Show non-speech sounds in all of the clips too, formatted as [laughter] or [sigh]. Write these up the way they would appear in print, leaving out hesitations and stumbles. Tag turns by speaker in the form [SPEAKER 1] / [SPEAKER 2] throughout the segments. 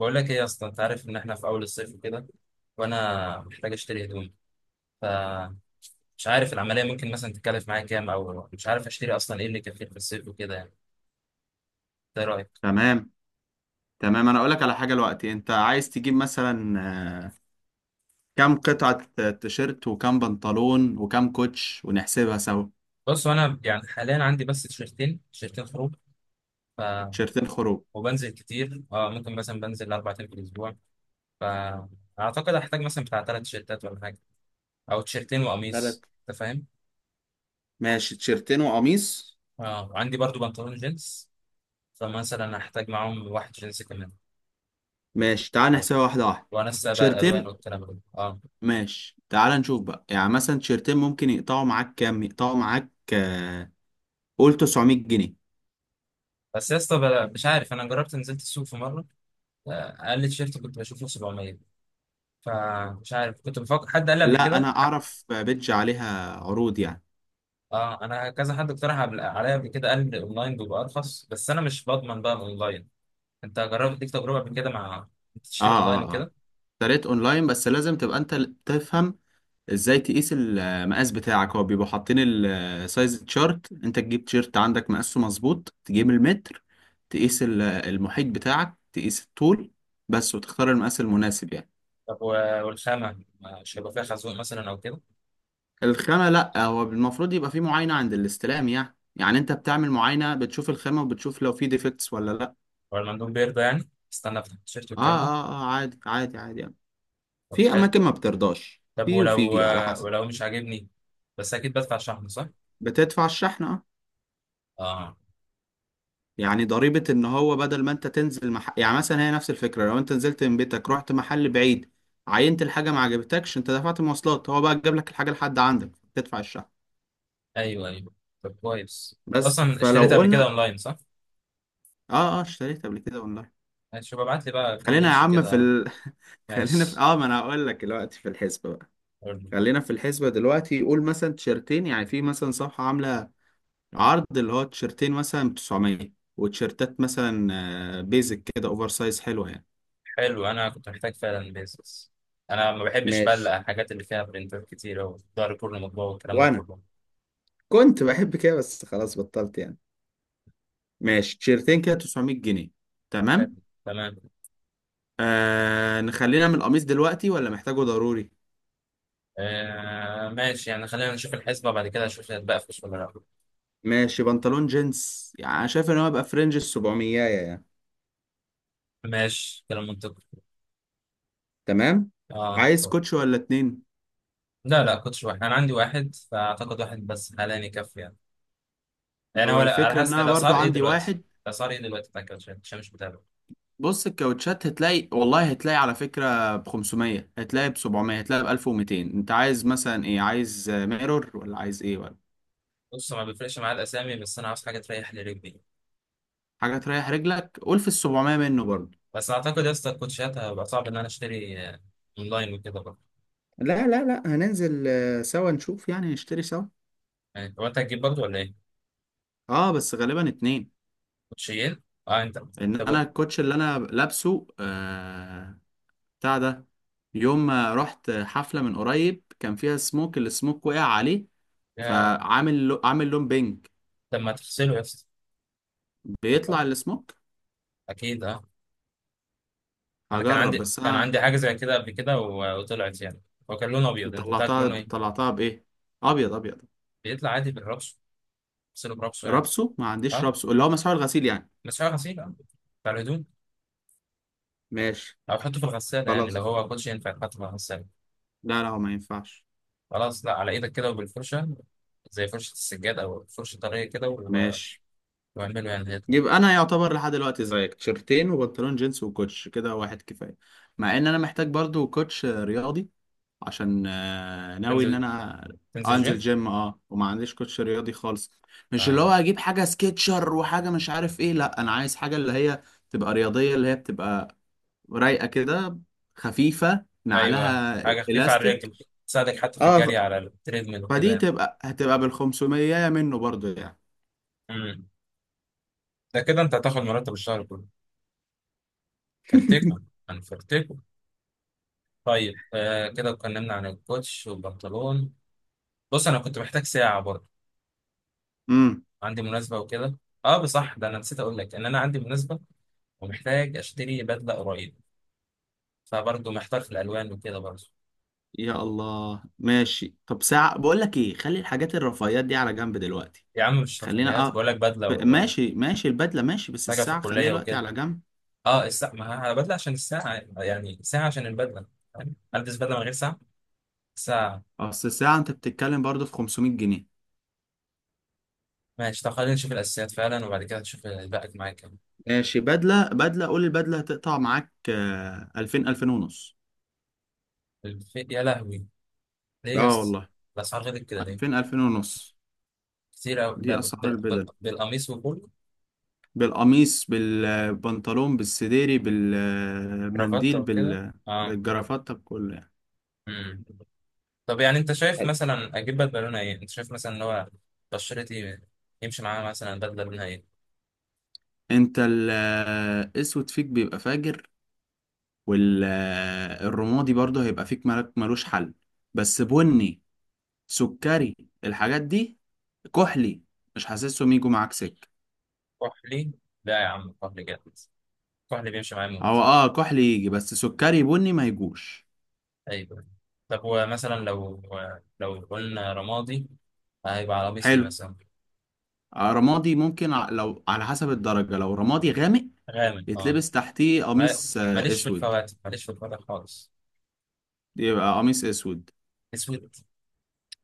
[SPEAKER 1] بقول لك ايه يا اسطى؟ انت عارف ان احنا في اول الصيف وكده، وانا محتاج اشتري هدوم، فمش عارف العمليه ممكن مثلا تتكلف معايا كام، او مش عارف اشتري اصلا ايه اللي يكفيني في الصيف وكده يعني. انت ايه رايك؟
[SPEAKER 2] تمام. تمام انا اقول لك على حاجه دلوقتي، انت عايز تجيب مثلا آه، كام قطعه؟ تيشيرت وكام بنطلون وكام كوتش، ونحسبها سوا.
[SPEAKER 1] بص انا يعني حاليا عندي بس تيشرتين خروج. ف
[SPEAKER 2] تيشيرتين خروج.
[SPEAKER 1] وبنزل كتير، اه، ممكن مثلا بنزل 4 ايام في الاسبوع. فاعتقد هحتاج مثلا بتاع 3 تيشرتات ولا حاجه، او تيشرتين
[SPEAKER 2] ثلاث.
[SPEAKER 1] وقميص، انت فاهم.
[SPEAKER 2] ماشي، تيشيرتين وقميص.
[SPEAKER 1] اه، وعندي برضو بنطلون جينز، فمثلا هحتاج معاهم واحد جينز كمان.
[SPEAKER 2] ماشي، تعال
[SPEAKER 1] على-
[SPEAKER 2] نحسبها واحده واحده.
[SPEAKER 1] وانسق بقى الالوان
[SPEAKER 2] تيشيرتين.
[SPEAKER 1] والكلام ده، اه.
[SPEAKER 2] ماشي، تعال نشوف بقى، يعني مثلا تيشيرتين ممكن يقطعوا معاك كام؟ يقطعوا معاك قول 900 جنيه.
[SPEAKER 1] بس يا اسطى، مش عارف، انا جربت نزلت السوق في مره، آه، اقل تيشيرت كنت بشوفه 700. فمش عارف، كنت بفكر حد قال لي قبل
[SPEAKER 2] لا، انا
[SPEAKER 1] كده حق.
[SPEAKER 2] اعرف، بيدج عليها عروض يعني.
[SPEAKER 1] اه، انا كذا حد اقترح عليا قبل كده، قال لي الاونلاين بيبقى ارخص، بس انا مش بضمن بقى الاونلاين. انت جربت ليك تجربه قبل كده مع
[SPEAKER 2] اه
[SPEAKER 1] تشتري اونلاين
[SPEAKER 2] اه اه
[SPEAKER 1] وكده؟
[SPEAKER 2] اشتريت اونلاين، بس لازم تبقى انت تفهم ازاي تقيس المقاس بتاعك. هو بيبقوا حاطين السايز تشارت، انت تجيب تيشيرت عندك مقاسه مظبوط، تجيب المتر، تقيس المحيط بتاعك، تقيس الطول بس، وتختار المقاس المناسب يعني.
[SPEAKER 1] طب، والخامه مش هيبقى فيها خازوق مثلا او كده؟
[SPEAKER 2] الخامة، لا، هو المفروض يبقى في معاينة عند الاستلام، يعني يعني انت بتعمل معاينة، بتشوف الخامة وبتشوف لو في ديفكتس ولا لا.
[SPEAKER 1] ولا المندوب بيرضى يعني استنى افتح التيشيرت
[SPEAKER 2] اه
[SPEAKER 1] والكلام ده؟
[SPEAKER 2] اه اه عادي عادي عادي يعني.
[SPEAKER 1] طب
[SPEAKER 2] في
[SPEAKER 1] حلو،
[SPEAKER 2] اماكن
[SPEAKER 1] طب.
[SPEAKER 2] ما بترضاش،
[SPEAKER 1] طب،
[SPEAKER 2] في
[SPEAKER 1] ولو
[SPEAKER 2] وفي على
[SPEAKER 1] آه،
[SPEAKER 2] حسب.
[SPEAKER 1] ولو مش عاجبني، بس اكيد بدفع شحن صح؟
[SPEAKER 2] بتدفع الشحنة، اه.
[SPEAKER 1] اه،
[SPEAKER 2] يعني ضريبة، ان هو بدل ما انت تنزل يعني مثلا هي نفس الفكرة، لو انت نزلت من بيتك رحت محل بعيد، عينت الحاجة ما عجبتكش، انت دفعت مواصلات. هو بقى جاب لك الحاجة لحد عندك، تدفع الشحن.
[SPEAKER 1] ايوه ايوه. طب كويس، انت
[SPEAKER 2] بس
[SPEAKER 1] اصلا
[SPEAKER 2] فلو
[SPEAKER 1] اشتريتها قبل كده
[SPEAKER 2] قلنا،
[SPEAKER 1] اونلاين صح؟
[SPEAKER 2] اه، اشتريت قبل كده اونلاين.
[SPEAKER 1] ماشي، شوف ابعت لي بقى كام
[SPEAKER 2] خلينا يا
[SPEAKER 1] بيتش
[SPEAKER 2] عم في
[SPEAKER 1] كده.
[SPEAKER 2] [laughs] خلينا في
[SPEAKER 1] ماشي،
[SPEAKER 2] اه، ما انا هقول لك دلوقتي في الحسبة بقى.
[SPEAKER 1] قول.
[SPEAKER 2] خلينا في الحسبة دلوقتي. قول مثلا تيشرتين، يعني في مثلا صفحة عاملة عرض اللي هو تيشرتين مثلا ب 900. وتيشرتات مثلا بيزك كده اوفر سايز حلوة يعني.
[SPEAKER 1] حلو، انا كنت محتاج فعلا بيزنس. انا ما بحبش بقى
[SPEAKER 2] ماشي.
[SPEAKER 1] الحاجات اللي فيها برنتات كتير، او ظهر كله مطبوع والكلام ده
[SPEAKER 2] وانا
[SPEAKER 1] كله.
[SPEAKER 2] كنت بحب كده، بس خلاص بطلت يعني. ماشي، تيشيرتين كده 900 جنيه.
[SPEAKER 1] حلو.
[SPEAKER 2] تمام.
[SPEAKER 1] تمام.
[SPEAKER 2] نخلينا من القميص دلوقتي، ولا محتاجه ضروري؟
[SPEAKER 1] آه ماشي يعني، خلينا نشوف الحسبة بعد كده، اشوف هي هتبقى فلوس ولا لا.
[SPEAKER 2] ماشي. بنطلون جينز يعني انا شايف ان هو يبقى فرنج ال 700 يعني.
[SPEAKER 1] ماشي، كلام منطقي.
[SPEAKER 2] تمام.
[SPEAKER 1] اه.
[SPEAKER 2] عايز كوتش ولا اتنين؟
[SPEAKER 1] لا لا، كنتش واحد، انا عندي واحد فاعتقد واحد بس حاليا يكفي يعني. يعني هو
[SPEAKER 2] هو
[SPEAKER 1] لا، على
[SPEAKER 2] الفكرة ان
[SPEAKER 1] حسب
[SPEAKER 2] انا برضو
[SPEAKER 1] الاسعار ايه
[SPEAKER 2] عندي
[SPEAKER 1] دلوقتي؟
[SPEAKER 2] واحد.
[SPEAKER 1] الاسعار ايه دلوقتي بتاع كاوتشات، عشان مش متابع.
[SPEAKER 2] بص، الكاوتشات هتلاقي، والله هتلاقي على فكرة ب 500، هتلاقي ب 700، هتلاقي ب 1200. انت عايز مثلا ايه؟ عايز ميرور، ولا عايز ايه ولا؟
[SPEAKER 1] بص، ما بيفرقش معايا الاسامي، بس انا عاوز حاجه تريح لي رجلي.
[SPEAKER 2] حاجة تريح رجلك، قول في ال 700 منه برضو.
[SPEAKER 1] بس اعتقد يا اسطى الكوتشيات هيبقى صعب ان انا اشتري، اونلاين وكده برضه.
[SPEAKER 2] لا، هننزل سوا نشوف، يعني نشتري سوا.
[SPEAKER 1] يعني هو انت هتجيب برضه ولا ايه؟
[SPEAKER 2] اه، بس غالبا اتنين.
[SPEAKER 1] كوتشيين؟ اه، انت.
[SPEAKER 2] ان
[SPEAKER 1] طب،
[SPEAKER 2] انا الكوتش اللي انا لابسه آه، بتاع ده، يوم ما رحت حفلة من قريب كان فيها سموك، السموك وقع عليه،
[SPEAKER 1] يا.
[SPEAKER 2] فعامل عامل لون بينك.
[SPEAKER 1] طب ما تغسله يا اسطى.
[SPEAKER 2] بيطلع السموك؟
[SPEAKER 1] اكيد، اه. انا كان
[SPEAKER 2] هجرب
[SPEAKER 1] عندي
[SPEAKER 2] بس
[SPEAKER 1] كان
[SPEAKER 2] انا.
[SPEAKER 1] عندي حاجه زي كده قبل كده، وطلعت يعني. هو كان لونه ابيض، انت بتاعك
[SPEAKER 2] طلعتها.
[SPEAKER 1] لونه ايه؟
[SPEAKER 2] طلعتها بايه؟ ابيض ابيض.
[SPEAKER 1] بيطلع عادي بالرش. غسله برشه عادي.
[SPEAKER 2] رابسه ما عنديش،
[SPEAKER 1] اه،
[SPEAKER 2] رابسه اللي هو مسحوق الغسيل يعني.
[SPEAKER 1] بس هو غسيل، اه، بتاع الهدوم.
[SPEAKER 2] ماشي.
[SPEAKER 1] او حطه في الغساله يعني، لو
[SPEAKER 2] خلاص،
[SPEAKER 1] هو كوتشي ينفع يتحط في الغساله.
[SPEAKER 2] لا لا، هو ما ينفعش.
[SPEAKER 1] خلاص، لا، على ايدك كده وبالفرشه، زي فرشه السجاد او فرشه طريه كده،
[SPEAKER 2] ماشي.
[SPEAKER 1] واعمله يعني هيطلع.
[SPEAKER 2] يبقى انا يعتبر لحد دلوقتي زيك، تيشرتين وبنطلون جينز وكوتش كده واحد كفايه. مع ان انا محتاج برضو كوتش رياضي، عشان ناوي ان
[SPEAKER 1] تنزل
[SPEAKER 2] انا
[SPEAKER 1] تنزل
[SPEAKER 2] انزل
[SPEAKER 1] جيم.
[SPEAKER 2] جيم، اه، وما عنديش كوتش رياضي خالص. مش اللي هو
[SPEAKER 1] آه.
[SPEAKER 2] اجيب حاجه سكيتشر وحاجه مش عارف ايه، لا، انا عايز حاجه اللي هي تبقى رياضيه، اللي هي بتبقى رايقه كده، خفيفه
[SPEAKER 1] ايوه،
[SPEAKER 2] نعلها،
[SPEAKER 1] حاجه خفيفه على
[SPEAKER 2] الاستيك.
[SPEAKER 1] الرجل، تساعدك حتى في
[SPEAKER 2] اه ف-
[SPEAKER 1] الجري على التريدميل وكده
[SPEAKER 2] فدي
[SPEAKER 1] يعني.
[SPEAKER 2] تبقى هتبقى بالخمسمية منه برضو يعني.
[SPEAKER 1] امم ده كده انت هتاخد مرتب الشهر كله. فرتكم.
[SPEAKER 2] [laughs]
[SPEAKER 1] انا فرتكم. طيب، كده اتكلمنا عن الكوتش والبنطلون. بص، انا كنت محتاج ساعه برضه،
[SPEAKER 2] امم.
[SPEAKER 1] عندي مناسبه وكده. اه، بصح ده انا نسيت اقول لك ان انا عندي مناسبه ومحتاج اشتري بدله قريب، فبرضه محتار في الالوان وكده برضه.
[SPEAKER 2] يا الله، ماشي. طب ساعة، بقول لك ايه، خلي الحاجات الرفاهيات دي على جنب دلوقتي.
[SPEAKER 1] يا عم مش
[SPEAKER 2] خلينا
[SPEAKER 1] رفاهيات،
[SPEAKER 2] اه،
[SPEAKER 1] بقول لك بدله وحاجه
[SPEAKER 2] ماشي ماشي، البدلة ماشي، بس
[SPEAKER 1] في
[SPEAKER 2] الساعة خليها
[SPEAKER 1] الكليه
[SPEAKER 2] دلوقتي
[SPEAKER 1] وكده.
[SPEAKER 2] على جنب.
[SPEAKER 1] اه، الساعه ما بدله عشان الساعه، يعني ساعه عشان البدله، فاهم. البس بدله من غير ساعه.
[SPEAKER 2] اصل الساعة انت بتتكلم برضه في 500 جنيه.
[SPEAKER 1] ماشي، طب خلينا نشوف الاساسيات فعلا، وبعد كده نشوف الباقي معاك كام.
[SPEAKER 2] ماشي. بدلة، بدلة، قول البدلة هتقطع معاك 2000، 2000 ونص.
[SPEAKER 1] يا لهوي، ليه يا
[SPEAKER 2] اه
[SPEAKER 1] اسطى؟
[SPEAKER 2] والله،
[SPEAKER 1] الاسعار غلط كده ليه؟
[SPEAKER 2] 2000، 2000 ونص.
[SPEAKER 1] كتير قوي ده،
[SPEAKER 2] دي اسعار البدل،
[SPEAKER 1] بالقميص وكله،
[SPEAKER 2] بالقميص بالبنطلون بالسديري
[SPEAKER 1] كرافته
[SPEAKER 2] بالمنديل
[SPEAKER 1] وكده،
[SPEAKER 2] بال،
[SPEAKER 1] اه.
[SPEAKER 2] بالجرافات طب كله
[SPEAKER 1] امم طب يعني، انت شايف
[SPEAKER 2] يعني.
[SPEAKER 1] مثلا اجيب بدله لونها ايه؟ انت شايف مثلا ان هو بشرتي يمشي معاها مثلا بدله لونها ايه؟
[SPEAKER 2] انت الاسود فيك بيبقى فاجر، والرمادي برضه هيبقى فيك ملك ملوش حل. بس بني، سكري، الحاجات دي، كحلي، مش حاسسهم يجوا معاك سكة.
[SPEAKER 1] كحلي؟ لا يا عم، كحلي جامد، الكحل اللي بيمشي معاه
[SPEAKER 2] هو
[SPEAKER 1] موت.
[SPEAKER 2] اه كحلي يجي، بس سكري بني ما يجوش.
[SPEAKER 1] ايوه. طب، ومثلا لو قلنا رمادي، هيبقى على قميص ايه
[SPEAKER 2] حلو.
[SPEAKER 1] مثلا؟
[SPEAKER 2] رمادي ممكن لو على حسب الدرجة، لو رمادي غامق،
[SPEAKER 1] غامق، اه.
[SPEAKER 2] يتلبس تحتيه
[SPEAKER 1] ما-
[SPEAKER 2] قميص
[SPEAKER 1] ماليش في
[SPEAKER 2] اسود.
[SPEAKER 1] الفواتح، ماليش في الفواتح خالص.
[SPEAKER 2] يبقى قميص اسود.
[SPEAKER 1] اسود.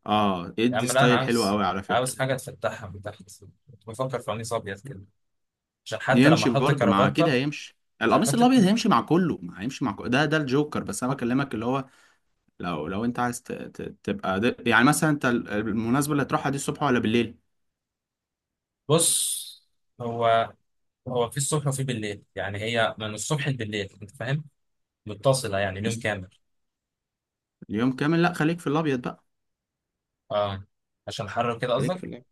[SPEAKER 2] اه،
[SPEAKER 1] يا
[SPEAKER 2] يدي
[SPEAKER 1] عم، لا، انا
[SPEAKER 2] ستايل حلو
[SPEAKER 1] عاوز
[SPEAKER 2] قوي على فكرة.
[SPEAKER 1] عاوز حاجه تفتحها من تحت. كنت بفكر في قميص ابيض كده، عشان حتى لما
[SPEAKER 2] يمشي
[SPEAKER 1] احط
[SPEAKER 2] برضه مع كده،
[SPEAKER 1] كرافته،
[SPEAKER 2] هيمشي
[SPEAKER 1] عشان
[SPEAKER 2] القميص
[SPEAKER 1] احط.
[SPEAKER 2] الابيض، هيمشي مع كله. ما هيمشي مع كله، ده ده الجوكر. بس انا بكلمك اللي هو، لو انت عايز تبقى يعني مثلا انت المناسبة اللي هتروحها دي الصبح ولا بالليل؟
[SPEAKER 1] بص، هو هو في الصبح وفي بالليل، يعني هي من الصبح لبالليل، انت فاهم، متصله يعني، اليوم
[SPEAKER 2] بس
[SPEAKER 1] كامل.
[SPEAKER 2] اليوم كامل، لا، خليك في الابيض بقى.
[SPEAKER 1] اه، عشان حر كده
[SPEAKER 2] خليك
[SPEAKER 1] قصدك؟
[SPEAKER 2] في اللعب.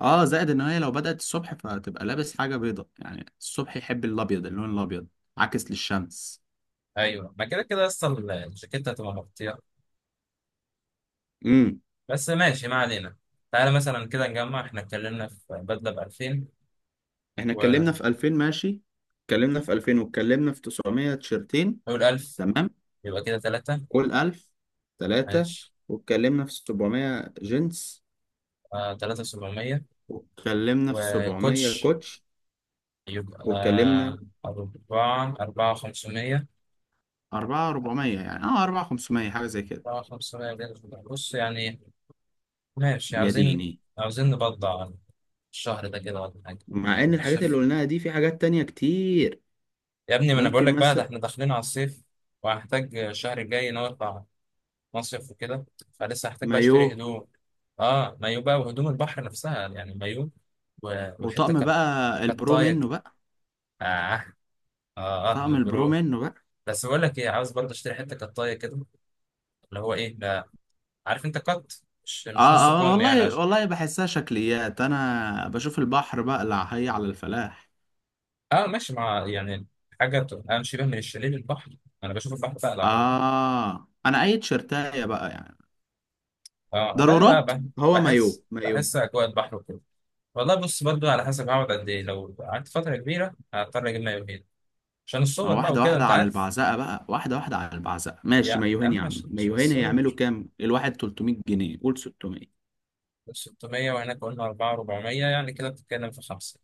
[SPEAKER 2] اه، زائد ان هي لو بدأت الصبح، فتبقى لابس حاجة بيضة، يعني الصبح يحب الابيض، اللون الابيض عكس للشمس.
[SPEAKER 1] ايوه، ما كده كده اصل الجاكيت هتبقى مغطيه.
[SPEAKER 2] امم.
[SPEAKER 1] بس ماشي، ما علينا. تعالى مثلا كده نجمع، احنا اتكلمنا في بدله ب 2000،
[SPEAKER 2] احنا اتكلمنا
[SPEAKER 1] ونقول
[SPEAKER 2] في 2000، ماشي. اتكلمنا في 2000، واتكلمنا في 900 تيشرتين.
[SPEAKER 1] 1000،
[SPEAKER 2] تمام.
[SPEAKER 1] يبقى كده 3.
[SPEAKER 2] كل 1000، ثلاثة.
[SPEAKER 1] ماشي،
[SPEAKER 2] واتكلمنا في 700 جينز.
[SPEAKER 1] آه 3700،
[SPEAKER 2] واتكلمنا في 700
[SPEAKER 1] وكوتش
[SPEAKER 2] كوتش.
[SPEAKER 1] يبقى
[SPEAKER 2] واتكلمنا،
[SPEAKER 1] 4 500،
[SPEAKER 2] أربعة أربعمية يعني، أه أربعة خمسمية حاجة زي كده.
[SPEAKER 1] 4 500 كده. بص يعني، ماشي،
[SPEAKER 2] يا
[SPEAKER 1] عاوزين
[SPEAKER 2] ديني.
[SPEAKER 1] عاوزين نبضع الشهر ده كده ولا حاجه.
[SPEAKER 2] مع إن الحاجات اللي
[SPEAKER 1] شوف
[SPEAKER 2] قلناها دي في حاجات تانية كتير.
[SPEAKER 1] يا ابني، ما انا بقول
[SPEAKER 2] ممكن
[SPEAKER 1] لك بقى ده
[SPEAKER 2] مثلا
[SPEAKER 1] احنا داخلين على الصيف، وهحتاج الشهر الجاي نرفع مصيف وكده، فلسه هحتاج بقى
[SPEAKER 2] مايو،
[SPEAKER 1] اشتري هدوم. اه، مايو بقى، وهدوم البحر نفسها يعني مايو، وحته
[SPEAKER 2] وطقم بقى البرو
[SPEAKER 1] كطايه،
[SPEAKER 2] منه بقى.
[SPEAKER 1] اه اه اه،
[SPEAKER 2] طقم
[SPEAKER 1] من
[SPEAKER 2] البرو
[SPEAKER 1] برو.
[SPEAKER 2] منه بقى.
[SPEAKER 1] بس بقول لك ايه، عاوز برضه اشتري حته كطايه كده، اللي هو ايه ده، عارف انت قط، مش
[SPEAKER 2] آه.
[SPEAKER 1] مش نص
[SPEAKER 2] آه
[SPEAKER 1] كم يعني،
[SPEAKER 2] والله
[SPEAKER 1] عشان.
[SPEAKER 2] والله، بحسها شكليات، أنا بشوف البحر بقى اللي هي على الفلاح.
[SPEAKER 1] اه، ماشي مع يعني، حاجه تبقى شبه من الشاليه للبحر. انا بشوف البحر بقلع برضه.
[SPEAKER 2] آه، أنا أي تيشرتاية بقى يعني،
[SPEAKER 1] اه، لا لا،
[SPEAKER 2] ضرورات. هو
[SPEAKER 1] بحس
[SPEAKER 2] مايو مايو.
[SPEAKER 1] بحس اجواء البحر وكده. والله بص، برضو على حسب هقعد قد ايه، لو قعدت فتره كبيره هضطر اجيب مايو، عشان
[SPEAKER 2] ما
[SPEAKER 1] الصور بقى
[SPEAKER 2] واحدة
[SPEAKER 1] وكده
[SPEAKER 2] واحدة
[SPEAKER 1] انت
[SPEAKER 2] على
[SPEAKER 1] عارف.
[SPEAKER 2] البعزقة بقى، واحدة واحدة على البعزقة. ماشي،
[SPEAKER 1] يا
[SPEAKER 2] مايوهين يا
[SPEAKER 1] عم،
[SPEAKER 2] عم،
[SPEAKER 1] عشان
[SPEAKER 2] مايوهين
[SPEAKER 1] الصور،
[SPEAKER 2] هيعملوا كام؟ الواحد 300 جنيه، قول 600.
[SPEAKER 1] 600، وهناك قلنا 4 400 يعني، كده بتتكلم في 5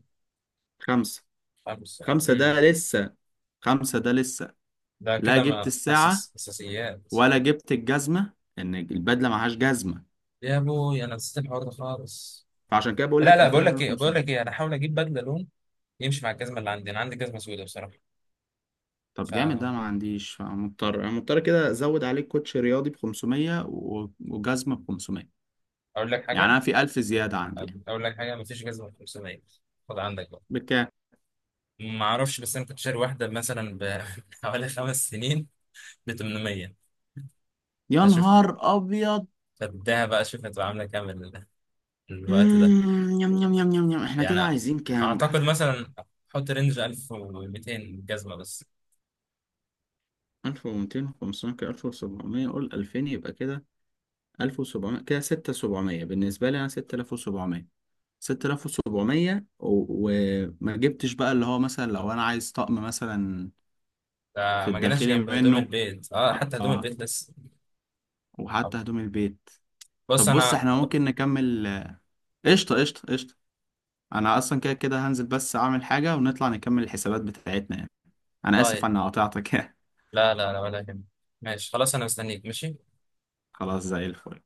[SPEAKER 2] خمسة.
[SPEAKER 1] 5
[SPEAKER 2] خمسة ده لسه. خمسة ده لسه.
[SPEAKER 1] ده
[SPEAKER 2] لا
[SPEAKER 1] كده
[SPEAKER 2] جبت
[SPEAKER 1] ما
[SPEAKER 2] الساعة،
[SPEAKER 1] اساس اساسيات.
[SPEAKER 2] ولا جبت الجزمة، إن البدلة معهاش جزمة.
[SPEAKER 1] يا ابوي، انا نسيت الحوار ده خالص.
[SPEAKER 2] فعشان كده بقول
[SPEAKER 1] لا
[SPEAKER 2] لك
[SPEAKER 1] لا،
[SPEAKER 2] 2000،
[SPEAKER 1] بقول لك ايه بقول
[SPEAKER 2] 2500.
[SPEAKER 1] لك ايه انا هحاول اجيب بدله لون يمشي مع الجزمه اللي عندي، انا عندي جزمه سوداء بصراحه.
[SPEAKER 2] طب جامد ده،
[SPEAKER 1] فاقول
[SPEAKER 2] ما عنديش. فمضطر، أنا مضطر كده أزود عليك كوتش رياضي ب 500، وجزمة ب 500.
[SPEAKER 1] لك
[SPEAKER 2] يعني
[SPEAKER 1] حاجه
[SPEAKER 2] أنا في 1000 زيادة عندي يعني.
[SPEAKER 1] اقول لك حاجه ما فيش جزمه ب 500، خد عندك بقى.
[SPEAKER 2] بكام؟
[SPEAKER 1] ما اعرفش، بس انا كنت شاري واحده مثلا ب [laughs] حوالي 5 سنين ب 800.
[SPEAKER 2] يا
[SPEAKER 1] فشوف.
[SPEAKER 2] نهار أبيض.
[SPEAKER 1] فاديها بقى، شوف هتبقى عاملة كام الوقت ده.
[SPEAKER 2] يم، إحنا كده
[SPEAKER 1] يعني
[SPEAKER 2] عايزين كام بقى؟
[SPEAKER 1] أعتقد مثلا حط رينج 1200، جزمة بس.
[SPEAKER 2] 1200، 500، كده 1700، قول 2000 يبقى كده. 1700 كده 6700، بالنسبة لي أنا 6700. 6700 وما جبتش بقى اللي هو مثلا لو انا عايز طقم مثلا،
[SPEAKER 1] ده
[SPEAKER 2] في
[SPEAKER 1] ما جيناش
[SPEAKER 2] الداخلي
[SPEAKER 1] جنب هدوم
[SPEAKER 2] منه.
[SPEAKER 1] البيت، اه حتى هدوم
[SPEAKER 2] اه،
[SPEAKER 1] البيت لسه. طب
[SPEAKER 2] وحتى هدوم البيت.
[SPEAKER 1] بص
[SPEAKER 2] طب بص،
[SPEAKER 1] أنا.
[SPEAKER 2] احنا ممكن نكمل. قشطة قشطة قشطة. انا اصلا كده كده هنزل، بس اعمل حاجة ونطلع نكمل الحسابات بتاعتنا يعني. انا اسف
[SPEAKER 1] طيب،
[SPEAKER 2] على قطعتك.
[SPEAKER 1] لا لا لا، ولا يهمك. ماشي خلاص، أنا مستنيك، ماشي.
[SPEAKER 2] [laughs] خلاص، زي الفل.